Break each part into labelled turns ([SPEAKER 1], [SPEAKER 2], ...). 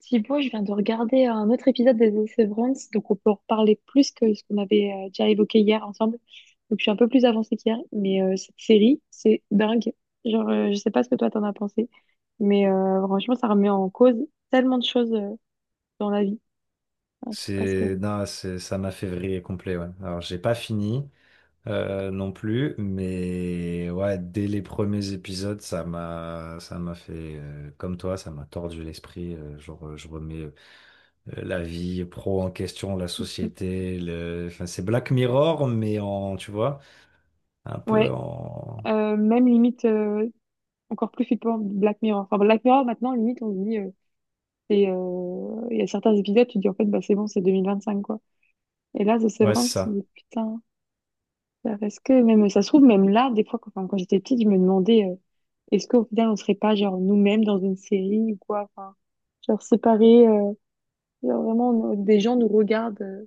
[SPEAKER 1] Thibaut, je viens de regarder un autre épisode des The Severance, donc on peut en reparler plus que ce qu'on avait déjà évoqué hier ensemble. Donc je suis un peu plus avancée qu'hier, mais cette série, c'est dingue. Genre, je sais pas ce que toi t'en as pensé, mais franchement, ça remet en cause tellement de choses dans la vie. Enfin, je sais pas ce que.
[SPEAKER 2] C'est, non, c'est, ça m'a fait vriller complet, ouais. Alors, j'ai pas fini non plus, mais ouais, dès les premiers épisodes, ça m'a fait, comme toi, ça m'a tordu l'esprit. Je remets la vie pro en question, la
[SPEAKER 1] Hmm,
[SPEAKER 2] société, le enfin, c'est Black Mirror, mais en, tu vois, un peu
[SPEAKER 1] Ouais,
[SPEAKER 2] en
[SPEAKER 1] même limite encore plus flippant Black Mirror. Enfin, Black Mirror, maintenant, limite, on se dit, il y a certains épisodes, tu te dis en fait, bah, c'est bon, c'est 2025, quoi. Et là, The
[SPEAKER 2] Ouais, c'est
[SPEAKER 1] Severance, tu te
[SPEAKER 2] ça.
[SPEAKER 1] dis, putain. Bah, parce que même, ça se trouve, même là, des fois, quand, enfin, quand j'étais petite, je me demandais, est-ce qu'au final, on serait pas, genre, nous-mêmes dans une série ou quoi, enfin, genre, séparés, genre, vraiment, des gens nous regardent,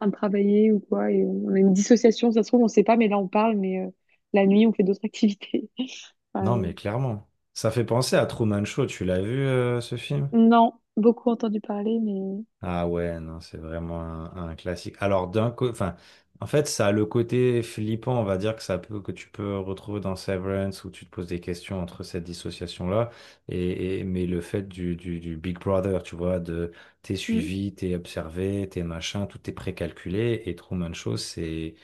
[SPEAKER 1] en travailler ou quoi, et on a une dissociation, ça se trouve, on sait pas, mais là, on parle, mais la nuit, on fait d'autres activités. Enfin,
[SPEAKER 2] Non,
[SPEAKER 1] euh,
[SPEAKER 2] mais clairement. Ça fait penser à Truman Show, tu l'as vu, ce film?
[SPEAKER 1] non, beaucoup entendu parler, mais...
[SPEAKER 2] Ah ouais, non, c'est vraiment un classique. Alors d'un côté, enfin, en fait, ça a le côté flippant, on va dire que ça peut, que tu peux retrouver dans Severance où tu te poses des questions entre cette dissociation-là mais le fait du Big Brother, tu vois, de t'es suivi, t'es observé, t'es machin, tout est précalculé et Truman Show, c'est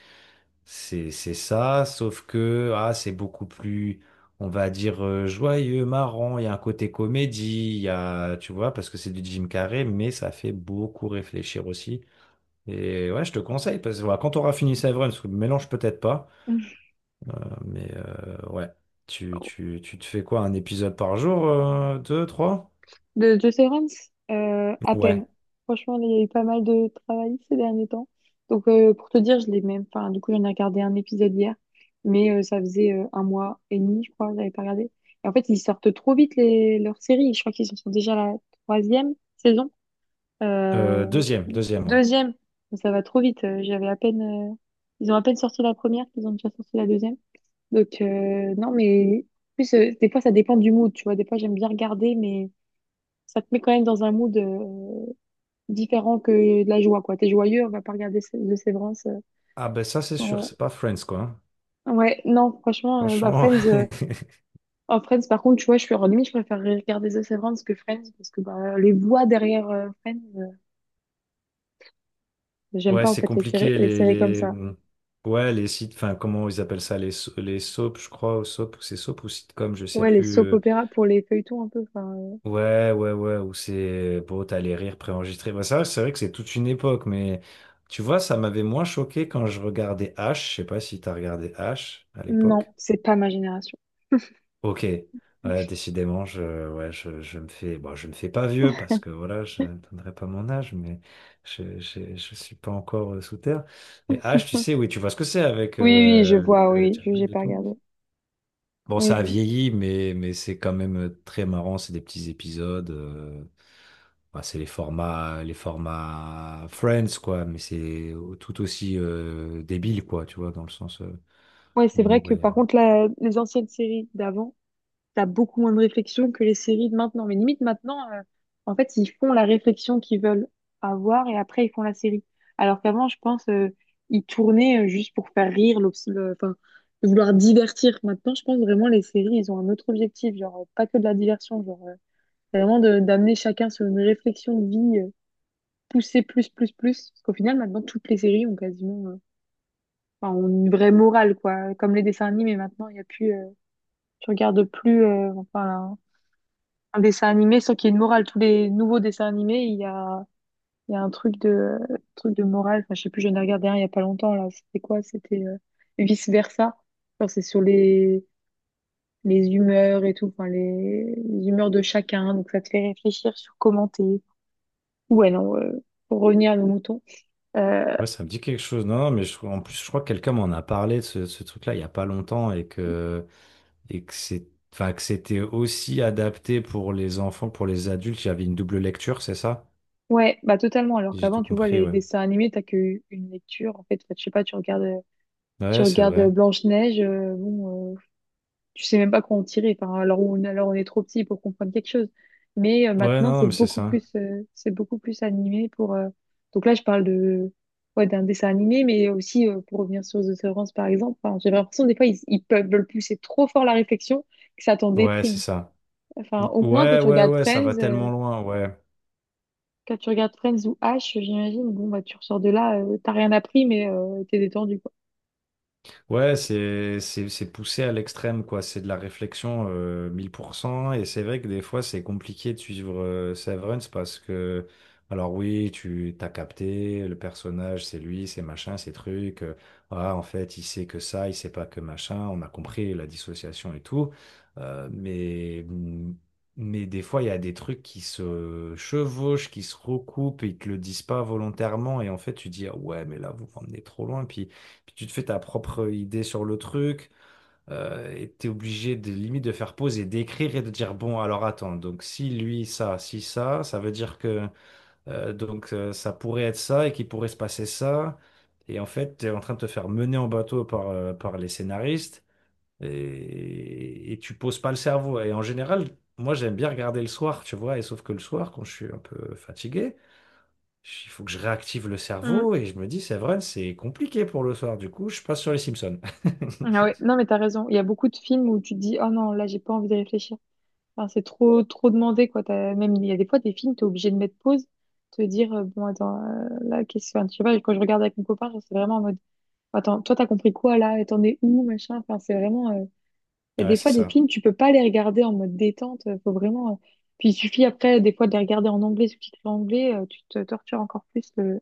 [SPEAKER 2] c'est, c'est ça, sauf que ah, c'est beaucoup plus, on va dire, joyeux, marrant. Il y a un côté comédie, il y a, tu vois, parce que c'est du Jim Carrey, mais ça fait beaucoup réfléchir aussi. Et ouais, je te conseille, parce que voilà, quand tu auras fini Severance, parce que le mélange peut-être pas,
[SPEAKER 1] Mm.
[SPEAKER 2] mais ouais, tu te fais quoi, un épisode par jour, deux, trois?
[SPEAKER 1] De Jocerans, à peine.
[SPEAKER 2] Ouais,
[SPEAKER 1] Franchement, là, il y a eu pas mal de travail ces derniers temps. Donc, pour te dire, je l'ai même. Enfin, du coup, j'en ai regardé un épisode hier, mais ça faisait un mois et demi, je crois, que j'avais pas regardé. Et en fait, ils sortent trop vite les... leurs séries. Je crois qu'ils en sont déjà à la troisième saison.
[SPEAKER 2] Deuxième,
[SPEAKER 1] Vu.
[SPEAKER 2] deuxième, ouais.
[SPEAKER 1] Deuxième. Ça va trop vite. J'avais à peine. Ils ont à peine sorti la première, ils ont déjà sorti la deuxième. Donc, non, mais. En plus, des fois, ça dépend du mood, tu vois. Des fois, j'aime bien regarder, mais ça te met quand même dans un mood différent que de la joie, quoi. T'es joyeux, on va pas regarder The Severance.
[SPEAKER 2] Ah ben ça, c'est sûr,
[SPEAKER 1] En-
[SPEAKER 2] c'est pas Friends, quoi, hein.
[SPEAKER 1] Ouais, non, franchement, euh, bah,
[SPEAKER 2] Franchement.
[SPEAKER 1] Friends, euh, oh, Friends, par contre, tu vois, je suis en limite, je préfère regarder The Severance que Friends parce que bah, les voix derrière Friends, j'aime
[SPEAKER 2] Ouais,
[SPEAKER 1] pas en
[SPEAKER 2] c'est
[SPEAKER 1] fait
[SPEAKER 2] compliqué
[SPEAKER 1] les
[SPEAKER 2] les
[SPEAKER 1] séries comme ça.
[SPEAKER 2] ouais les sites enfin comment ils appellent ça les les soaps je crois ou soap ou c'est soap ou sitcom je sais
[SPEAKER 1] Ouais, les
[SPEAKER 2] plus,
[SPEAKER 1] soap opéra pour les feuilletons un peu.
[SPEAKER 2] ouais ouais ouais ou c'est bon t'as les rires préenregistrés bah ça c'est vrai que c'est toute une époque mais tu vois ça m'avait moins choqué quand je regardais H, je sais pas si t'as regardé H à l'époque.
[SPEAKER 1] Non, c'est pas ma génération.
[SPEAKER 2] Ok, ouais, décidément, ouais, je me fais, bon, je me fais pas vieux parce que voilà, je n'atteindrai pas mon âge, mais je suis pas encore sous terre. Et H, tu sais, oui, tu vois ce que c'est avec
[SPEAKER 1] Oui, oui, je vois, oui, je j'ai
[SPEAKER 2] Jamil et
[SPEAKER 1] pas
[SPEAKER 2] tout.
[SPEAKER 1] regardé.
[SPEAKER 2] Bon,
[SPEAKER 1] Oui,
[SPEAKER 2] ça a
[SPEAKER 1] oui.
[SPEAKER 2] vieilli, mais c'est quand même très marrant. C'est des petits épisodes. Bah, c'est les formats Friends, quoi, mais c'est tout aussi débile, quoi, tu vois, dans le sens
[SPEAKER 1] Ouais, c'est vrai
[SPEAKER 2] humour.
[SPEAKER 1] que par contre, là, les anciennes séries d'avant, t'as beaucoup moins de réflexion que les séries de maintenant. Mais limite, maintenant, en fait, ils font la réflexion qu'ils veulent avoir et après, ils font la série. Alors qu'avant, je pense, ils tournaient juste pour faire rire, enfin, de vouloir divertir. Maintenant, je pense vraiment, les séries, ils ont un autre objectif, genre, pas que de la diversion, genre, c'est vraiment d'amener chacun sur une réflexion de vie, pousser plus, plus, plus. Parce qu'au final, maintenant, toutes les séries ont quasiment, enfin, ont une vraie morale, quoi. Comme les dessins animés, maintenant, il n'y a plus, tu regardes plus, enfin, un dessin animé sans qu'il y ait une morale. Tous les nouveaux dessins animés, il y a un truc de morale. Enfin, je sais plus, j'en ai regardé un il y a pas longtemps, là. C'était quoi? C'était vice-versa. C'est sur les humeurs et tout, enfin, les humeurs de chacun. Donc, ça te fait réfléchir sur comment t'es. Ouais, non, pour revenir à nos moutons. Euh,
[SPEAKER 2] Ouais, ça me dit quelque chose. Non, non, mais en plus, je crois que quelqu'un m'en a parlé de ce truc-là il y a pas longtemps et que c'est, enfin, que c'était aussi adapté pour les enfants, pour les adultes. Il y avait une double lecture, c'est ça?
[SPEAKER 1] ouais, bah, totalement. Alors
[SPEAKER 2] Si j'ai
[SPEAKER 1] qu'avant,
[SPEAKER 2] tout
[SPEAKER 1] tu vois,
[SPEAKER 2] compris,
[SPEAKER 1] les
[SPEAKER 2] ouais.
[SPEAKER 1] dessins animés, t'as que une lecture, en fait. Enfin, je sais pas, tu
[SPEAKER 2] Ouais, c'est
[SPEAKER 1] regardes
[SPEAKER 2] vrai.
[SPEAKER 1] Blanche-Neige, bon, tu sais même pas quoi en tirer. Enfin, alors alors on est trop petit pour comprendre quelque chose. Mais
[SPEAKER 2] Ouais,
[SPEAKER 1] maintenant,
[SPEAKER 2] non, non,
[SPEAKER 1] c'est
[SPEAKER 2] mais c'est
[SPEAKER 1] beaucoup
[SPEAKER 2] ça.
[SPEAKER 1] plus, c'est beaucoup plus animé pour. Donc là, ouais, d'un dessin animé, mais aussi pour revenir sur The Severance, par exemple. Enfin, j'ai l'impression des fois ils peuvent veulent pousser trop fort la réflexion que ça t'en
[SPEAKER 2] Ouais, c'est
[SPEAKER 1] déprime.
[SPEAKER 2] ça.
[SPEAKER 1] Enfin, au moins quand
[SPEAKER 2] Ouais,
[SPEAKER 1] tu
[SPEAKER 2] ouais,
[SPEAKER 1] regardes
[SPEAKER 2] ouais, ça va
[SPEAKER 1] Friends,
[SPEAKER 2] tellement loin, ouais.
[SPEAKER 1] quand tu regardes Friends ou H, j'imagine, bon bah tu ressors de là, t'as rien appris, mais t'es détendu quoi.
[SPEAKER 2] Ouais, c'est poussé à l'extrême quoi, c'est de la réflexion 1000%, et c'est vrai que des fois c'est compliqué de suivre, Severance, parce que alors oui, tu t'as capté le personnage, c'est lui, c'est machin, c'est truc. Ah en fait, il sait que ça, il sait pas que machin, on a compris la dissociation et tout. euh, mais mmh, mais des fois il y a des trucs qui se chevauchent, qui se recoupent et ils te le disent pas volontairement et en fait tu dis ah ouais, mais là vous m'emmenez trop loin, puis tu te fais ta propre idée sur le truc. Et t'es obligé de limite de faire pause et d'écrire et de dire bon alors attends donc si lui ça si ça ça veut dire que ça pourrait être ça et qu'il pourrait se passer ça, et en fait t'es en train de te faire mener en bateau par, par les scénaristes, et tu poses pas le cerveau, et en général moi j'aime bien regarder le soir tu vois, et sauf que le soir quand je suis un peu fatigué il faut que je réactive le
[SPEAKER 1] Mm.
[SPEAKER 2] cerveau et je me dis, c'est vrai, c'est compliqué pour le soir. Du coup, je passe sur les Simpsons.
[SPEAKER 1] Ah ouais, non mais t'as raison. Il y a beaucoup de films où tu te dis, oh non, là j'ai pas envie de réfléchir. Enfin, c'est trop, trop demandé, quoi. Même, il y a des fois, des films, t'es obligé de mettre pause, te dire, bon, attends, là, qu'est-ce que, enfin, je sais pas, quand je regarde avec mon copain, genre, c'est vraiment en mode, attends, toi, t'as compris quoi, là, et t'en es où, machin, enfin, c'est vraiment, il y a
[SPEAKER 2] Ouais,
[SPEAKER 1] des
[SPEAKER 2] c'est
[SPEAKER 1] fois, des
[SPEAKER 2] ça.
[SPEAKER 1] films, tu peux pas les regarder en mode détente, faut vraiment, puis il suffit après, des fois, de les regarder en anglais, sous-titré anglais, tu te tortures encore plus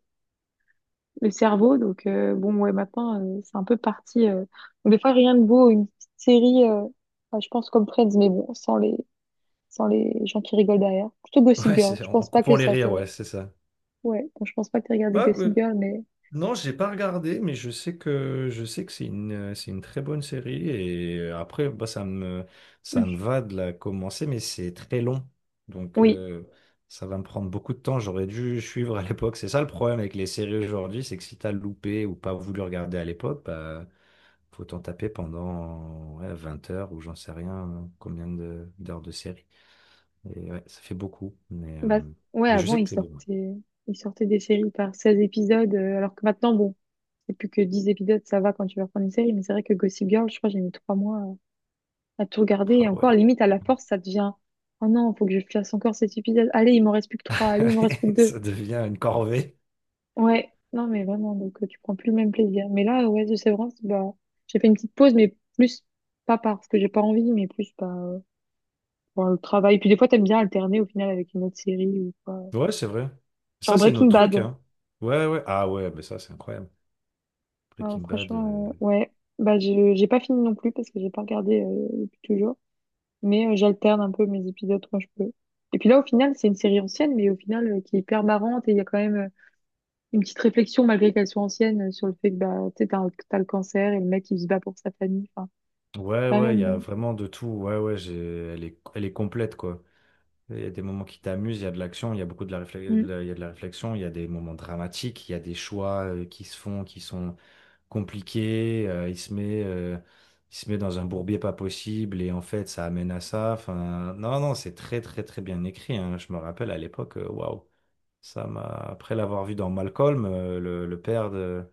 [SPEAKER 1] le cerveau, donc, bon, ouais, maintenant, c'est un peu parti, Donc, des fois, rien de beau, une petite série, enfin, je pense comme Friends, mais bon, sans les gens qui rigolent derrière. Plutôt Gossip
[SPEAKER 2] Ouais,
[SPEAKER 1] Girl.
[SPEAKER 2] c'est
[SPEAKER 1] Je
[SPEAKER 2] en en
[SPEAKER 1] pense pas que
[SPEAKER 2] coupant les
[SPEAKER 1] ça te.
[SPEAKER 2] rires, ouais, c'est ça.
[SPEAKER 1] Ouais, bon, je pense pas que tu regardé
[SPEAKER 2] Ah, ouais.
[SPEAKER 1] Gossip Girl, mais.
[SPEAKER 2] Non, j'ai pas regardé, mais je sais que c'est une, c'est une très bonne série, et après bah ça me va de la commencer, mais c'est très long, donc
[SPEAKER 1] Oui.
[SPEAKER 2] ça va me prendre beaucoup de temps. J'aurais dû suivre à l'époque. C'est ça le problème avec les séries aujourd'hui, c'est que si t'as loupé ou pas voulu regarder à l'époque, bah, faut t'en taper pendant ouais, 20 heures ou j'en sais rien hein, d'heures de série. Et ouais, ça fait beaucoup.
[SPEAKER 1] Bah, ouais,
[SPEAKER 2] Mais je
[SPEAKER 1] avant,
[SPEAKER 2] sais que c'est bon. Ouais.
[SPEAKER 1] ils sortaient des séries par 16 épisodes, alors que maintenant, bon, c'est plus que 10 épisodes, ça va quand tu vas prendre une série, mais c'est vrai que Gossip Girl, je crois, que j'ai mis 3 mois à tout regarder, et
[SPEAKER 2] Ah
[SPEAKER 1] encore,
[SPEAKER 2] ouais.
[SPEAKER 1] limite, à la force, ça devient. Oh non, faut que je fasse encore cet épisode. Allez, il m'en reste plus que trois. Allez, il m'en reste plus que deux.
[SPEAKER 2] Ça devient une corvée.
[SPEAKER 1] Ouais, non, mais vraiment, donc tu prends plus le même plaisir. Mais là, ouais, de Severance, bah, j'ai fait une petite pause, mais plus pas parce que j'ai pas envie, mais plus par par le travail. Puis des fois, t'aimes bien alterner au final avec une autre série ou quoi.
[SPEAKER 2] Ouais, c'est vrai.
[SPEAKER 1] Genre
[SPEAKER 2] Ça, c'est nos
[SPEAKER 1] Breaking
[SPEAKER 2] trucs,
[SPEAKER 1] Bad.
[SPEAKER 2] hein. Ouais, ouais. Ah ouais, mais ça, c'est incroyable. Breaking Bad.
[SPEAKER 1] Franchement, ouais. Bah, j'ai pas fini non plus parce que j'ai pas regardé depuis toujours. Mais j'alterne un peu mes épisodes quand je peux. Et puis là, au final, c'est une série ancienne, mais au final, qui est hyper marrante et il y a quand même une petite réflexion, malgré qu'elle soit ancienne, sur le fait que bah, tu sais, t'as le cancer et le mec, il se bat pour sa famille. Enfin,
[SPEAKER 2] Ouais,
[SPEAKER 1] quand
[SPEAKER 2] ouais, il y
[SPEAKER 1] même.
[SPEAKER 2] a
[SPEAKER 1] Hein.
[SPEAKER 2] vraiment de tout. Ouais, ouais, j'ai Elle est Elle est complète, quoi. Il y a des moments qui t'amusent, il y a de l'action, il y a beaucoup de la réflexion, il
[SPEAKER 1] Mm.
[SPEAKER 2] y a de la réflexion, il y a des moments dramatiques, il y a des choix, qui se font, qui sont compliqué, il se met dans un bourbier pas possible et en fait ça amène à ça. Enfin, non, non, c'est très très très bien écrit, hein. Je me rappelle à l'époque, waouh, ça m'a. Après l'avoir vu dans Malcolm, le père de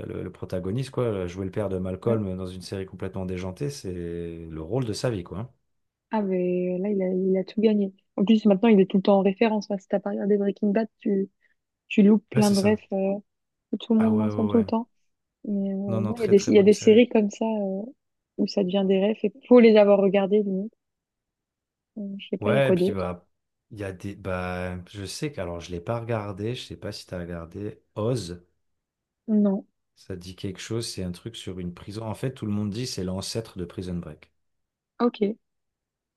[SPEAKER 2] le protagoniste quoi, jouer le père de
[SPEAKER 1] Ouais.
[SPEAKER 2] Malcolm dans une série complètement déjantée, c'est le rôle de sa vie quoi.
[SPEAKER 1] Ah, mais là, il a tout gagné. En plus, maintenant, il est tout le temps en référence. Hein. Si t'as pas regardé Breaking Bad, tu loupes
[SPEAKER 2] Ouais,
[SPEAKER 1] plein
[SPEAKER 2] c'est
[SPEAKER 1] de refs
[SPEAKER 2] ça.
[SPEAKER 1] que tout le
[SPEAKER 2] Ah
[SPEAKER 1] monde
[SPEAKER 2] ouais ouais
[SPEAKER 1] mentionne tout le
[SPEAKER 2] ouais.
[SPEAKER 1] temps. Mais
[SPEAKER 2] Non non,
[SPEAKER 1] non, il y a
[SPEAKER 2] très très
[SPEAKER 1] il y a
[SPEAKER 2] bonne
[SPEAKER 1] des
[SPEAKER 2] série.
[SPEAKER 1] séries comme ça où ça devient des refs et faut les avoir regardées, limite. Je sais pas, il y a
[SPEAKER 2] Ouais, et
[SPEAKER 1] quoi
[SPEAKER 2] puis
[SPEAKER 1] d'autre?
[SPEAKER 2] bah. Il y a des. Bah, je sais que. Alors, je l'ai pas regardé. Je sais pas si tu as regardé Oz.
[SPEAKER 1] Non.
[SPEAKER 2] Ça dit quelque chose, c'est un truc sur une prison. En fait, tout le monde dit c'est l'ancêtre de Prison Break.
[SPEAKER 1] Ok.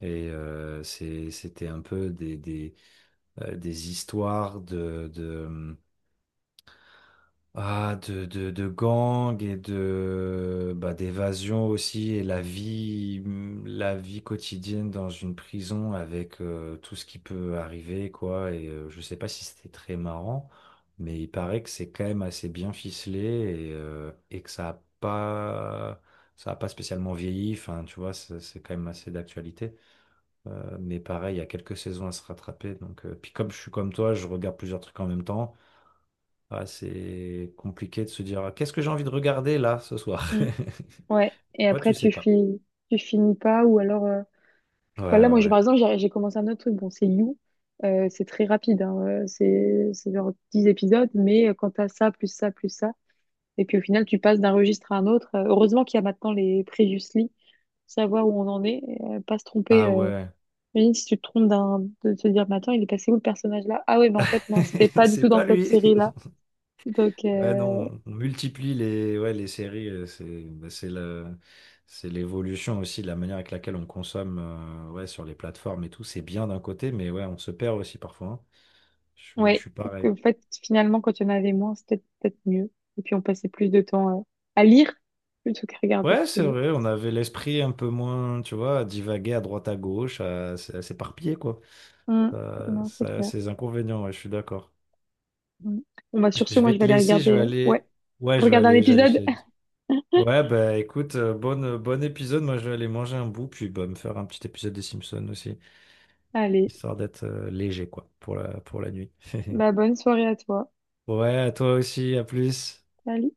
[SPEAKER 2] Et c'était un peu des histoires de, Ah, de gang et de bah, d'évasion aussi, et la vie quotidienne dans une prison avec tout ce qui peut arriver quoi, et je sais pas si c'était très marrant, mais il paraît que c'est quand même assez bien ficelé et que ça a pas spécialement vieilli enfin tu vois c'est quand même assez d'actualité. Mais pareil il y a quelques saisons à se rattraper donc puis comme je suis comme toi je regarde plusieurs trucs en même temps, ah, c'est compliqué de se dire, «Ah, qu'est-ce que j'ai envie de regarder là ce soir?»
[SPEAKER 1] Mm. Ouais. Et
[SPEAKER 2] Toi, tu
[SPEAKER 1] après,
[SPEAKER 2] sais pas.
[SPEAKER 1] finis tu finis pas ou alors...
[SPEAKER 2] Ouais,
[SPEAKER 1] Voilà,
[SPEAKER 2] ouais,
[SPEAKER 1] moi, je,
[SPEAKER 2] ouais.
[SPEAKER 1] par exemple, j'ai commencé un autre truc. Bon, c'est You. C'est très rapide. Hein. C'est genre 10 épisodes, mais quand t'as ça, plus ça, plus ça... Et puis au final, tu passes d'un registre à un autre. Heureusement qu'il y a maintenant les previously, savoir où on en est, pas se tromper.
[SPEAKER 2] Ah ouais,
[SPEAKER 1] Imagine si tu te trompes de te dire, mais attends, il est passé où le personnage là? Ah ouais, mais en fait, non, c'était pas du
[SPEAKER 2] c'est
[SPEAKER 1] tout
[SPEAKER 2] pas
[SPEAKER 1] dans cette
[SPEAKER 2] lui.
[SPEAKER 1] série-là. Donc,
[SPEAKER 2] Ouais, non, on multiplie les, ouais, les séries. C'est bah, c'est l'évolution aussi de la manière avec laquelle on consomme ouais, sur les plateformes et tout. C'est bien d'un côté, mais ouais, on se perd aussi parfois, hein. Je
[SPEAKER 1] ouais,
[SPEAKER 2] suis pareil.
[SPEAKER 1] donc, en fait, finalement, quand il y en avait moins, c'était peut-être mieux. Et puis on passait plus de temps à lire plutôt qu'à regarder
[SPEAKER 2] Ouais,
[SPEAKER 1] la
[SPEAKER 2] c'est
[SPEAKER 1] télé.
[SPEAKER 2] vrai, on avait l'esprit un peu moins, tu vois, à divaguer à droite à gauche, à s'éparpiller, quoi.
[SPEAKER 1] Hum,
[SPEAKER 2] Ça,
[SPEAKER 1] Non, c'est
[SPEAKER 2] ça a
[SPEAKER 1] clair.
[SPEAKER 2] ses inconvénients, ouais, je suis d'accord.
[SPEAKER 1] Hum. Bon, bah,
[SPEAKER 2] Je
[SPEAKER 1] sur ce,
[SPEAKER 2] je
[SPEAKER 1] moi, je
[SPEAKER 2] vais
[SPEAKER 1] vais
[SPEAKER 2] te
[SPEAKER 1] aller
[SPEAKER 2] laisser, je vais
[SPEAKER 1] regarder, ouais,
[SPEAKER 2] aller. Ouais, je vais
[SPEAKER 1] regarder un
[SPEAKER 2] aller, j'allais
[SPEAKER 1] épisode.
[SPEAKER 2] chez Eddie. Ouais, bah écoute, bonne, bon épisode. Moi, je vais aller manger un bout, puis bah, me faire un petit épisode des Simpsons aussi,
[SPEAKER 1] Allez,
[SPEAKER 2] histoire d'être léger, quoi, pour pour la nuit.
[SPEAKER 1] bah, bonne soirée à toi.
[SPEAKER 2] Ouais, à toi aussi, à plus.
[SPEAKER 1] Salut.